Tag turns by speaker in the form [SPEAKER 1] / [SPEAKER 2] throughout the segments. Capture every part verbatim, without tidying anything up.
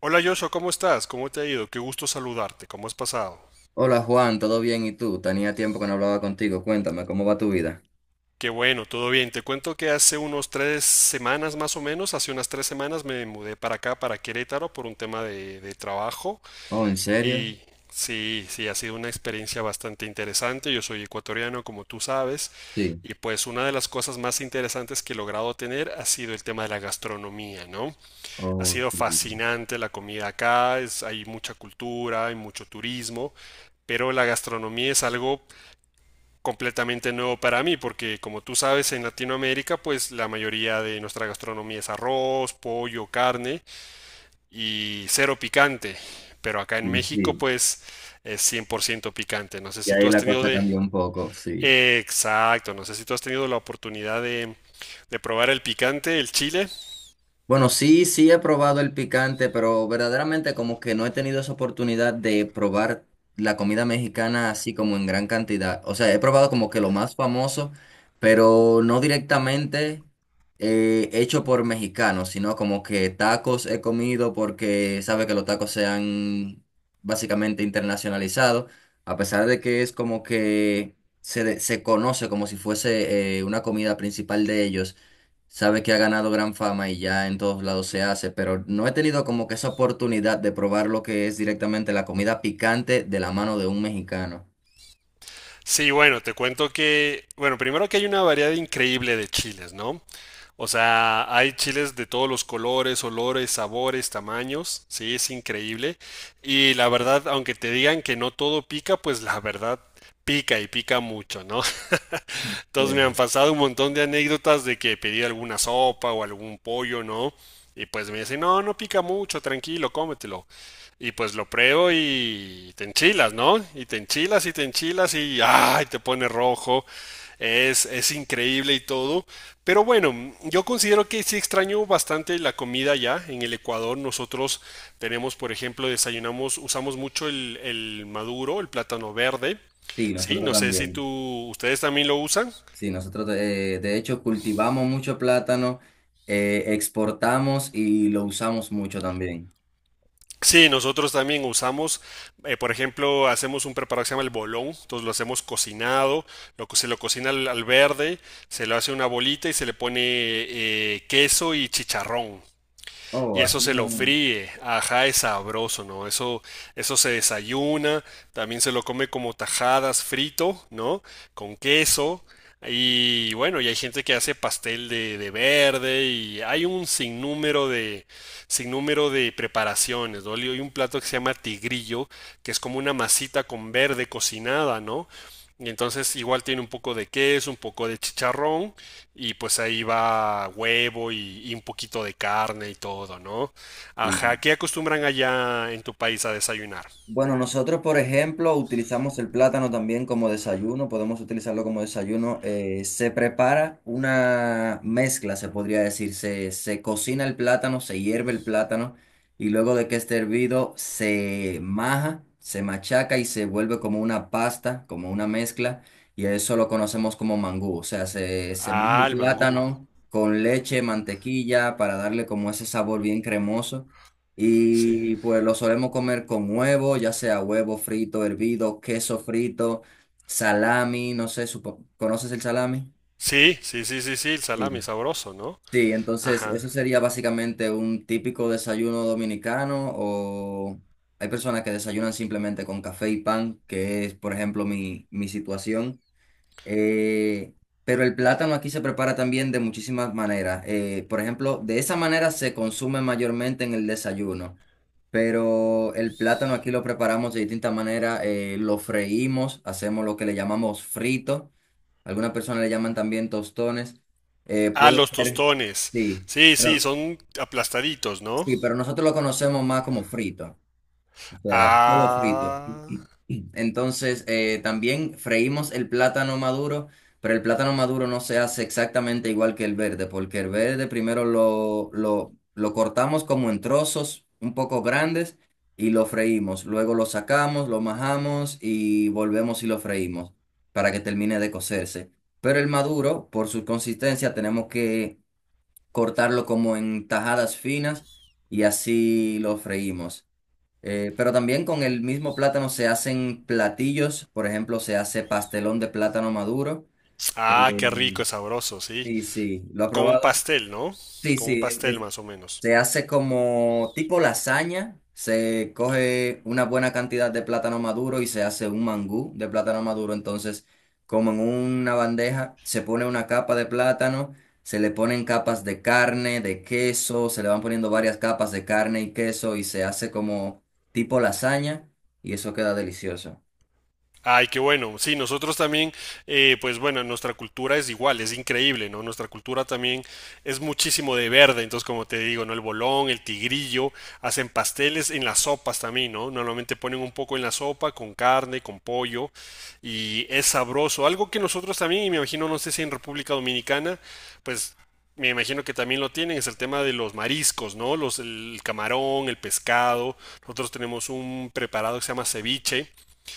[SPEAKER 1] Hola Joshua, ¿cómo estás? ¿Cómo te ha ido? Qué gusto saludarte. ¿Cómo has pasado?
[SPEAKER 2] Hola Juan, ¿todo bien? ¿Y tú? Tenía tiempo que no hablaba contigo. Cuéntame, ¿cómo va tu vida?
[SPEAKER 1] Qué bueno, todo bien. Te cuento que hace unos tres semanas más o menos, hace unas tres semanas me mudé para acá, para Querétaro, por un tema de, de trabajo.
[SPEAKER 2] Oh, ¿en serio?
[SPEAKER 1] Y sí, sí, ha sido una experiencia bastante interesante. Yo soy ecuatoriano, como tú sabes.
[SPEAKER 2] Sí.
[SPEAKER 1] Y pues una de las cosas más interesantes que he logrado tener ha sido el tema de la gastronomía, ¿no? Ha
[SPEAKER 2] Oh,
[SPEAKER 1] sido
[SPEAKER 2] sí.
[SPEAKER 1] fascinante la comida acá, es- hay mucha cultura, hay mucho turismo, pero la gastronomía es algo completamente nuevo para mí, porque como tú sabes, en Latinoamérica, pues la mayoría de nuestra gastronomía es arroz, pollo, carne y cero picante, pero acá en
[SPEAKER 2] Sí,
[SPEAKER 1] México,
[SPEAKER 2] sí.
[SPEAKER 1] pues es cien por ciento picante. No sé
[SPEAKER 2] Y
[SPEAKER 1] si tú
[SPEAKER 2] ahí
[SPEAKER 1] has
[SPEAKER 2] la
[SPEAKER 1] tenido
[SPEAKER 2] cosa
[SPEAKER 1] de...
[SPEAKER 2] cambió un poco, sí.
[SPEAKER 1] Exacto, no sé si tú has tenido la oportunidad de, de probar el picante, el chile.
[SPEAKER 2] Bueno, sí, sí he probado el picante, pero verdaderamente como que no he tenido esa oportunidad de probar la comida mexicana así como en gran cantidad. O sea, he probado como que lo más famoso, pero no directamente eh, hecho por mexicanos, sino como que tacos he comido porque sabe que los tacos se han básicamente internacionalizado, a pesar de que es como que se, de- se conoce como si fuese eh, una comida principal de ellos. Sabe que ha ganado gran fama y ya en todos lados se hace, pero no he tenido como que esa oportunidad de probar lo que es directamente la comida picante de la mano de un mexicano.
[SPEAKER 1] Sí, bueno, te cuento que, bueno, primero que hay una variedad increíble de chiles, ¿no? O sea, hay chiles de todos los colores, olores, sabores, tamaños, sí, es increíble. Y la verdad, aunque te digan que no todo pica, pues la verdad pica y pica mucho, ¿no? Entonces me han
[SPEAKER 2] Cierto.
[SPEAKER 1] pasado un montón de anécdotas de que pedí alguna sopa o algún pollo, ¿no? Y pues me dicen, no, no pica mucho, tranquilo, cómetelo. Y pues lo pruebo y te enchilas, ¿no? Y te enchilas y te enchilas y ¡ay! Te pone rojo. Es, es increíble y todo. Pero bueno, yo considero que sí extraño bastante la comida ya. En el Ecuador nosotros tenemos, por ejemplo, desayunamos, usamos mucho el, el maduro, el plátano verde.
[SPEAKER 2] Sí,
[SPEAKER 1] Sí,
[SPEAKER 2] nosotros
[SPEAKER 1] no sé si
[SPEAKER 2] también.
[SPEAKER 1] tú, ustedes también lo usan.
[SPEAKER 2] Sí, nosotros eh, de hecho cultivamos mucho plátano, eh, exportamos y lo usamos mucho también.
[SPEAKER 1] Sí, nosotros también usamos, eh, por ejemplo, hacemos un preparado que se llama el bolón, entonces lo hacemos cocinado, lo, co- se lo cocina al, al verde, se lo hace una bolita y se le pone eh, queso y chicharrón y
[SPEAKER 2] Oh,
[SPEAKER 1] eso
[SPEAKER 2] así
[SPEAKER 1] se lo
[SPEAKER 2] no.
[SPEAKER 1] fríe. Ajá, es sabroso, ¿no? Eso, eso se desayuna, también se lo come como tajadas frito, ¿no? Con queso. Y bueno, y hay gente que hace pastel de, de verde y hay un sinnúmero de, sinnúmero de preparaciones, ¿no? Hay un plato que se llama tigrillo, que es como una masita con verde cocinada, ¿no? Y entonces igual tiene un poco de queso, un poco de chicharrón y pues ahí va huevo y, y un poquito de carne y todo, ¿no? Ajá,
[SPEAKER 2] Sí.
[SPEAKER 1] ¿qué acostumbran allá en tu país a desayunar?
[SPEAKER 2] Bueno, nosotros, por ejemplo, utilizamos el plátano también como desayuno, podemos utilizarlo como desayuno. Eh, se prepara una mezcla, se podría decir. Se, se cocina el plátano, se hierve el plátano y luego de que esté hervido se maja, se machaca y se vuelve como una pasta, como una mezcla. Y a eso lo conocemos como mangú. O sea, se, se maja
[SPEAKER 1] Ah,
[SPEAKER 2] el
[SPEAKER 1] el mangú.
[SPEAKER 2] plátano con leche, mantequilla para darle como ese sabor bien cremoso.
[SPEAKER 1] Sí.
[SPEAKER 2] Y pues lo solemos comer con huevo, ya sea huevo frito, hervido, queso frito, salami, no sé, supo- ¿conoces el salami?
[SPEAKER 1] Sí, sí, sí, sí, sí, el
[SPEAKER 2] Sí.
[SPEAKER 1] salami sabroso, ¿no?
[SPEAKER 2] Sí, entonces
[SPEAKER 1] Ajá.
[SPEAKER 2] eso sería básicamente un típico desayuno dominicano o hay personas que desayunan simplemente con café y pan, que es, por ejemplo, mi, mi situación. Eh, pero el plátano aquí se prepara también de muchísimas maneras. Eh, por ejemplo, de esa manera se consume mayormente en el desayuno. Pero el plátano aquí lo preparamos de distinta manera. Eh, lo freímos, hacemos lo que le llamamos frito. Algunas personas le llaman también tostones. eh,
[SPEAKER 1] Ah,
[SPEAKER 2] puede
[SPEAKER 1] los
[SPEAKER 2] ser,
[SPEAKER 1] tostones.
[SPEAKER 2] sí,
[SPEAKER 1] Sí, sí,
[SPEAKER 2] pero,
[SPEAKER 1] son aplastaditos, ¿no?
[SPEAKER 2] sí, pero nosotros lo conocemos más como frito. O sea, solo frito.
[SPEAKER 1] Ah.
[SPEAKER 2] Entonces, eh, también freímos el plátano maduro, pero el plátano maduro no se hace exactamente igual que el verde, porque el verde primero lo, lo, lo cortamos como en trozos un poco grandes y lo freímos. Luego lo sacamos, lo majamos y volvemos y lo freímos para que termine de cocerse. Pero el maduro, por su consistencia, tenemos que cortarlo como en tajadas finas y así lo freímos. Eh, pero también con el mismo plátano se hacen platillos, por ejemplo, se hace pastelón de plátano maduro.
[SPEAKER 1] Ah, qué
[SPEAKER 2] Eh,
[SPEAKER 1] rico, sabroso, sí.
[SPEAKER 2] sí, sí, ¿lo ha
[SPEAKER 1] Como un
[SPEAKER 2] probado?
[SPEAKER 1] pastel, ¿no?
[SPEAKER 2] Sí,
[SPEAKER 1] Como un
[SPEAKER 2] sí,
[SPEAKER 1] pastel más o menos.
[SPEAKER 2] se hace como tipo lasaña, se coge una buena cantidad de plátano maduro y se hace un mangú de plátano maduro. Entonces, como en una bandeja, se pone una capa de plátano, se le ponen capas de carne, de queso, se le van poniendo varias capas de carne y queso y se hace como tipo lasaña y eso queda delicioso.
[SPEAKER 1] Ay, qué bueno. Sí, nosotros también, eh, pues bueno, nuestra cultura es igual, es increíble, ¿no? Nuestra cultura también es muchísimo de verde, entonces como te digo, ¿no? El bolón, el tigrillo, hacen pasteles en las sopas también, ¿no? Normalmente ponen un poco en la sopa con carne, con pollo y es sabroso. Algo que nosotros también, y me imagino, no sé si en República Dominicana, pues me imagino que también lo tienen, es el tema de los mariscos, ¿no? Los, el camarón, el pescado. Nosotros tenemos un preparado que se llama ceviche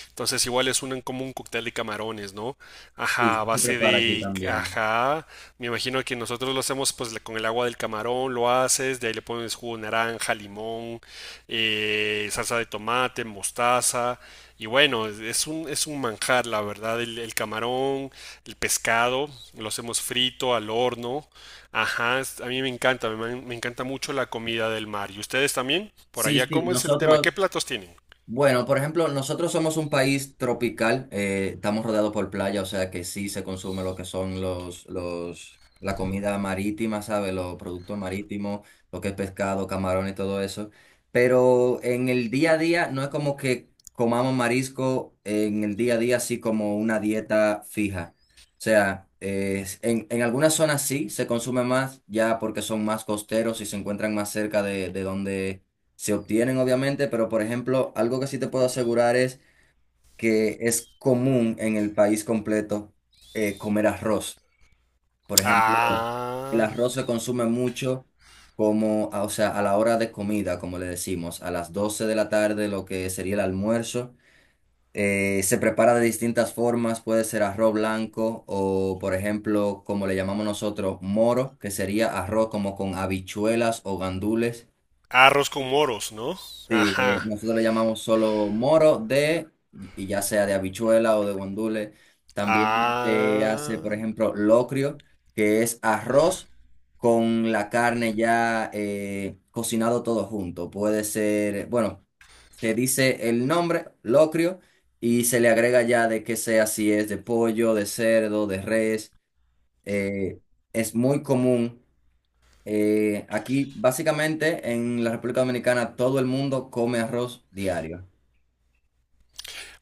[SPEAKER 1] entonces igual es un, como un cóctel de camarones, ¿no? Ajá, a
[SPEAKER 2] Sí, se
[SPEAKER 1] base
[SPEAKER 2] prepara aquí
[SPEAKER 1] de...
[SPEAKER 2] también.
[SPEAKER 1] Ajá, me imagino que nosotros lo hacemos pues le- con el agua del camarón, lo haces, de ahí le pones jugo de naranja, limón, eh, salsa de tomate, mostaza. Y bueno, es es un, es un manjar, la verdad, el, el camarón, el pescado, lo hacemos frito, al horno. Ajá, es- a mí me encanta, me, man- me encanta mucho la comida del mar. ¿Y ustedes también? Por
[SPEAKER 2] Sí,
[SPEAKER 1] allá,
[SPEAKER 2] sí,
[SPEAKER 1] ¿cómo es el tema?
[SPEAKER 2] nosotros,
[SPEAKER 1] ¿Qué platos tienen?
[SPEAKER 2] bueno, por ejemplo, nosotros somos un país tropical, eh, estamos rodeados por playa, o sea que sí se consume lo que son los, los, la comida marítima, ¿sabes? Los productos marítimos, lo que es pescado, camarón y todo eso. Pero en el día a día no es como que comamos marisco en el día a día así como una dieta fija. O sea, eh, en, en algunas zonas sí se consume más, ya porque son más costeros y se encuentran más cerca de, de donde se obtienen obviamente, pero por ejemplo, algo que sí te puedo asegurar es que es común en el país completo eh, comer arroz. Por ejemplo, el
[SPEAKER 1] Ah.
[SPEAKER 2] arroz se consume mucho como, a- o sea, a la hora de comida, como le decimos, a las doce de la tarde, lo que sería el almuerzo. Eh, se prepara de distintas formas, puede ser arroz blanco o, por ejemplo, como le llamamos nosotros, moro, que sería arroz como con habichuelas o gandules.
[SPEAKER 1] Arroz con moros, ¿no?
[SPEAKER 2] Sí, eh,
[SPEAKER 1] Ajá.
[SPEAKER 2] nosotros le llamamos solo moro de, y y ya sea de habichuela o de guandule. También se hace, por
[SPEAKER 1] Ah.
[SPEAKER 2] ejemplo, locrio, que es arroz con la carne ya eh, cocinado todo junto. Puede ser, bueno, se dice el nombre, locrio, y se le agrega ya de que sea si es de pollo, de cerdo, de res. eh, es muy común. Eh, aquí, básicamente, en la República Dominicana, todo el mundo come arroz diario.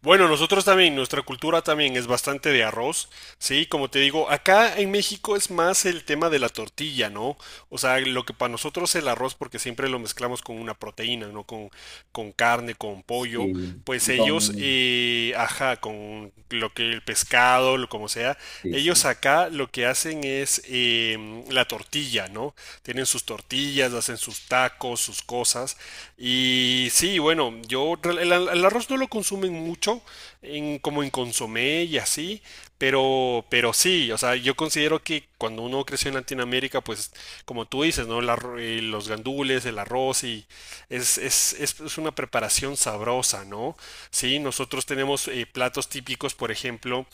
[SPEAKER 1] Bueno, nosotros también, nuestra cultura también es bastante de arroz, ¿sí? Como te digo, acá en México es más el tema de la tortilla, ¿no? O sea, lo que para nosotros el arroz, porque siempre lo mezclamos con una proteína, ¿no? Con, con carne, con pollo,
[SPEAKER 2] Sí,
[SPEAKER 1] pues
[SPEAKER 2] y
[SPEAKER 1] ellos,
[SPEAKER 2] con...
[SPEAKER 1] eh, ajá, con lo que el pescado, lo como sea,
[SPEAKER 2] Sí,
[SPEAKER 1] ellos
[SPEAKER 2] sí.
[SPEAKER 1] acá lo que hacen es em, la tortilla. tortilla, ¿no? Tienen sus tortillas, hacen sus tacos, sus cosas. Y sí, bueno, yo el, el arroz no lo consumen mucho, en, como en consomé y así, pero, pero sí, o sea, yo considero que cuando uno creció en Latinoamérica, pues como tú dices, ¿no? El arro- eh, los gandules, el arroz y es, es, es- es una preparación sabrosa, ¿no? Sí, nosotros tenemos eh, platos típicos, por ejemplo,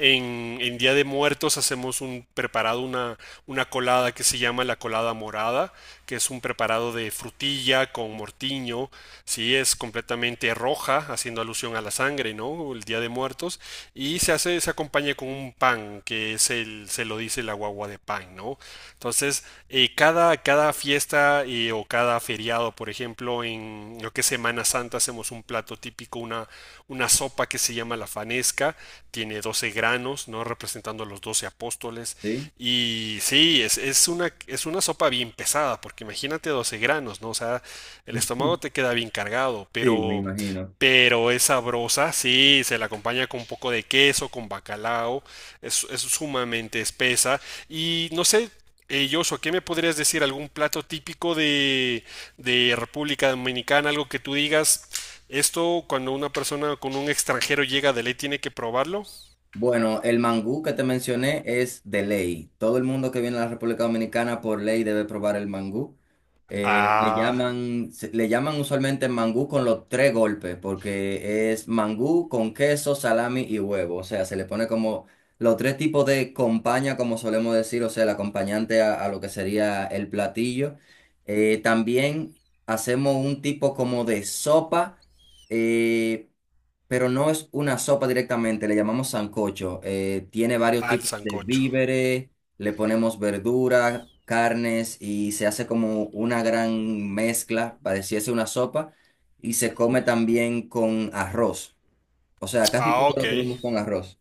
[SPEAKER 1] en, en, Día de Muertos hacemos un preparado, una, una colada que se llama la colada morada, que es un preparado de frutilla con mortiño, sí, es completamente roja, haciendo alusión a la sangre, ¿no? El Día de Muertos, y se hace, se acompaña con un pan, que es el, se lo dice la guagua de pan, ¿no? Entonces, eh, cada, cada fiesta eh, o cada feriado, por ejemplo, en lo que es Semana Santa hacemos un plato típico, una, una sopa que se llama la fanesca, tiene doce granos, ¿no? Representando a los doce apóstoles.
[SPEAKER 2] ¿Sí?
[SPEAKER 1] Y sí, es, es una, es una sopa bien pesada, porque imagínate doce granos, ¿no? O sea, el estómago te queda bien cargado,
[SPEAKER 2] Sí, me
[SPEAKER 1] pero...
[SPEAKER 2] imagino.
[SPEAKER 1] Pero es sabrosa, sí, se la acompaña con un poco de queso, con bacalao, es, es sumamente espesa. Y no sé, eh, Joshua, ¿qué me podrías decir? ¿Algún plato típico de, de República Dominicana? Algo que tú digas, esto cuando una persona con un extranjero llega de ley tiene que probarlo.
[SPEAKER 2] Bueno, el mangú que te mencioné es de ley. Todo el mundo que viene a la República Dominicana por ley debe probar el mangú. Eh, le
[SPEAKER 1] Ah,
[SPEAKER 2] llaman, se- le llaman usualmente mangú con los tres golpes, porque es mangú con queso, salami y huevo. O sea, se le pone como los tres tipos de compañía, como solemos decir, o sea, el acompañante a, a lo que sería el platillo. Eh, también hacemos un tipo como de sopa. eh, pero no es una sopa directamente, le llamamos sancocho. Eh, tiene varios
[SPEAKER 1] al
[SPEAKER 2] tipos de
[SPEAKER 1] sancocho.
[SPEAKER 2] víveres, le ponemos verduras carnes y se hace como una gran mezcla, pareciese una sopa, y se come también con arroz. O sea, casi todo
[SPEAKER 1] Ah, ok.
[SPEAKER 2] lo comemos con arroz.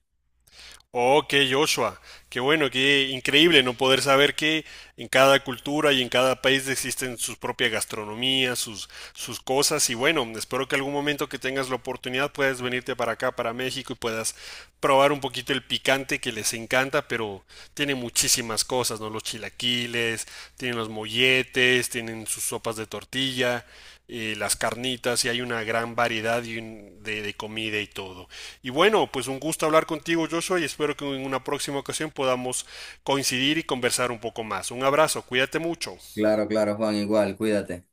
[SPEAKER 1] Ok, Joshua, qué bueno, qué increíble no poder saber que en cada cultura y en cada país existen sus propias gastronomías, sus, sus cosas y bueno, espero que algún momento que tengas la oportunidad puedas venirte para acá, para México y puedas probar un poquito el picante que les encanta, pero tiene muchísimas muchísimas cosas, ¿no? Los chilaquiles, tienen los molletes, tienen sus sopas de tortilla, eh, las carnitas, y hay una gran variedad y un- de, de comida y todo. Y bueno, pues un gusto hablar contigo, Joshua, y espero que en una próxima ocasión podamos coincidir y conversar un poco más. Un abrazo, cuídate mucho.
[SPEAKER 2] Claro, claro, Juan, igual, cuídate.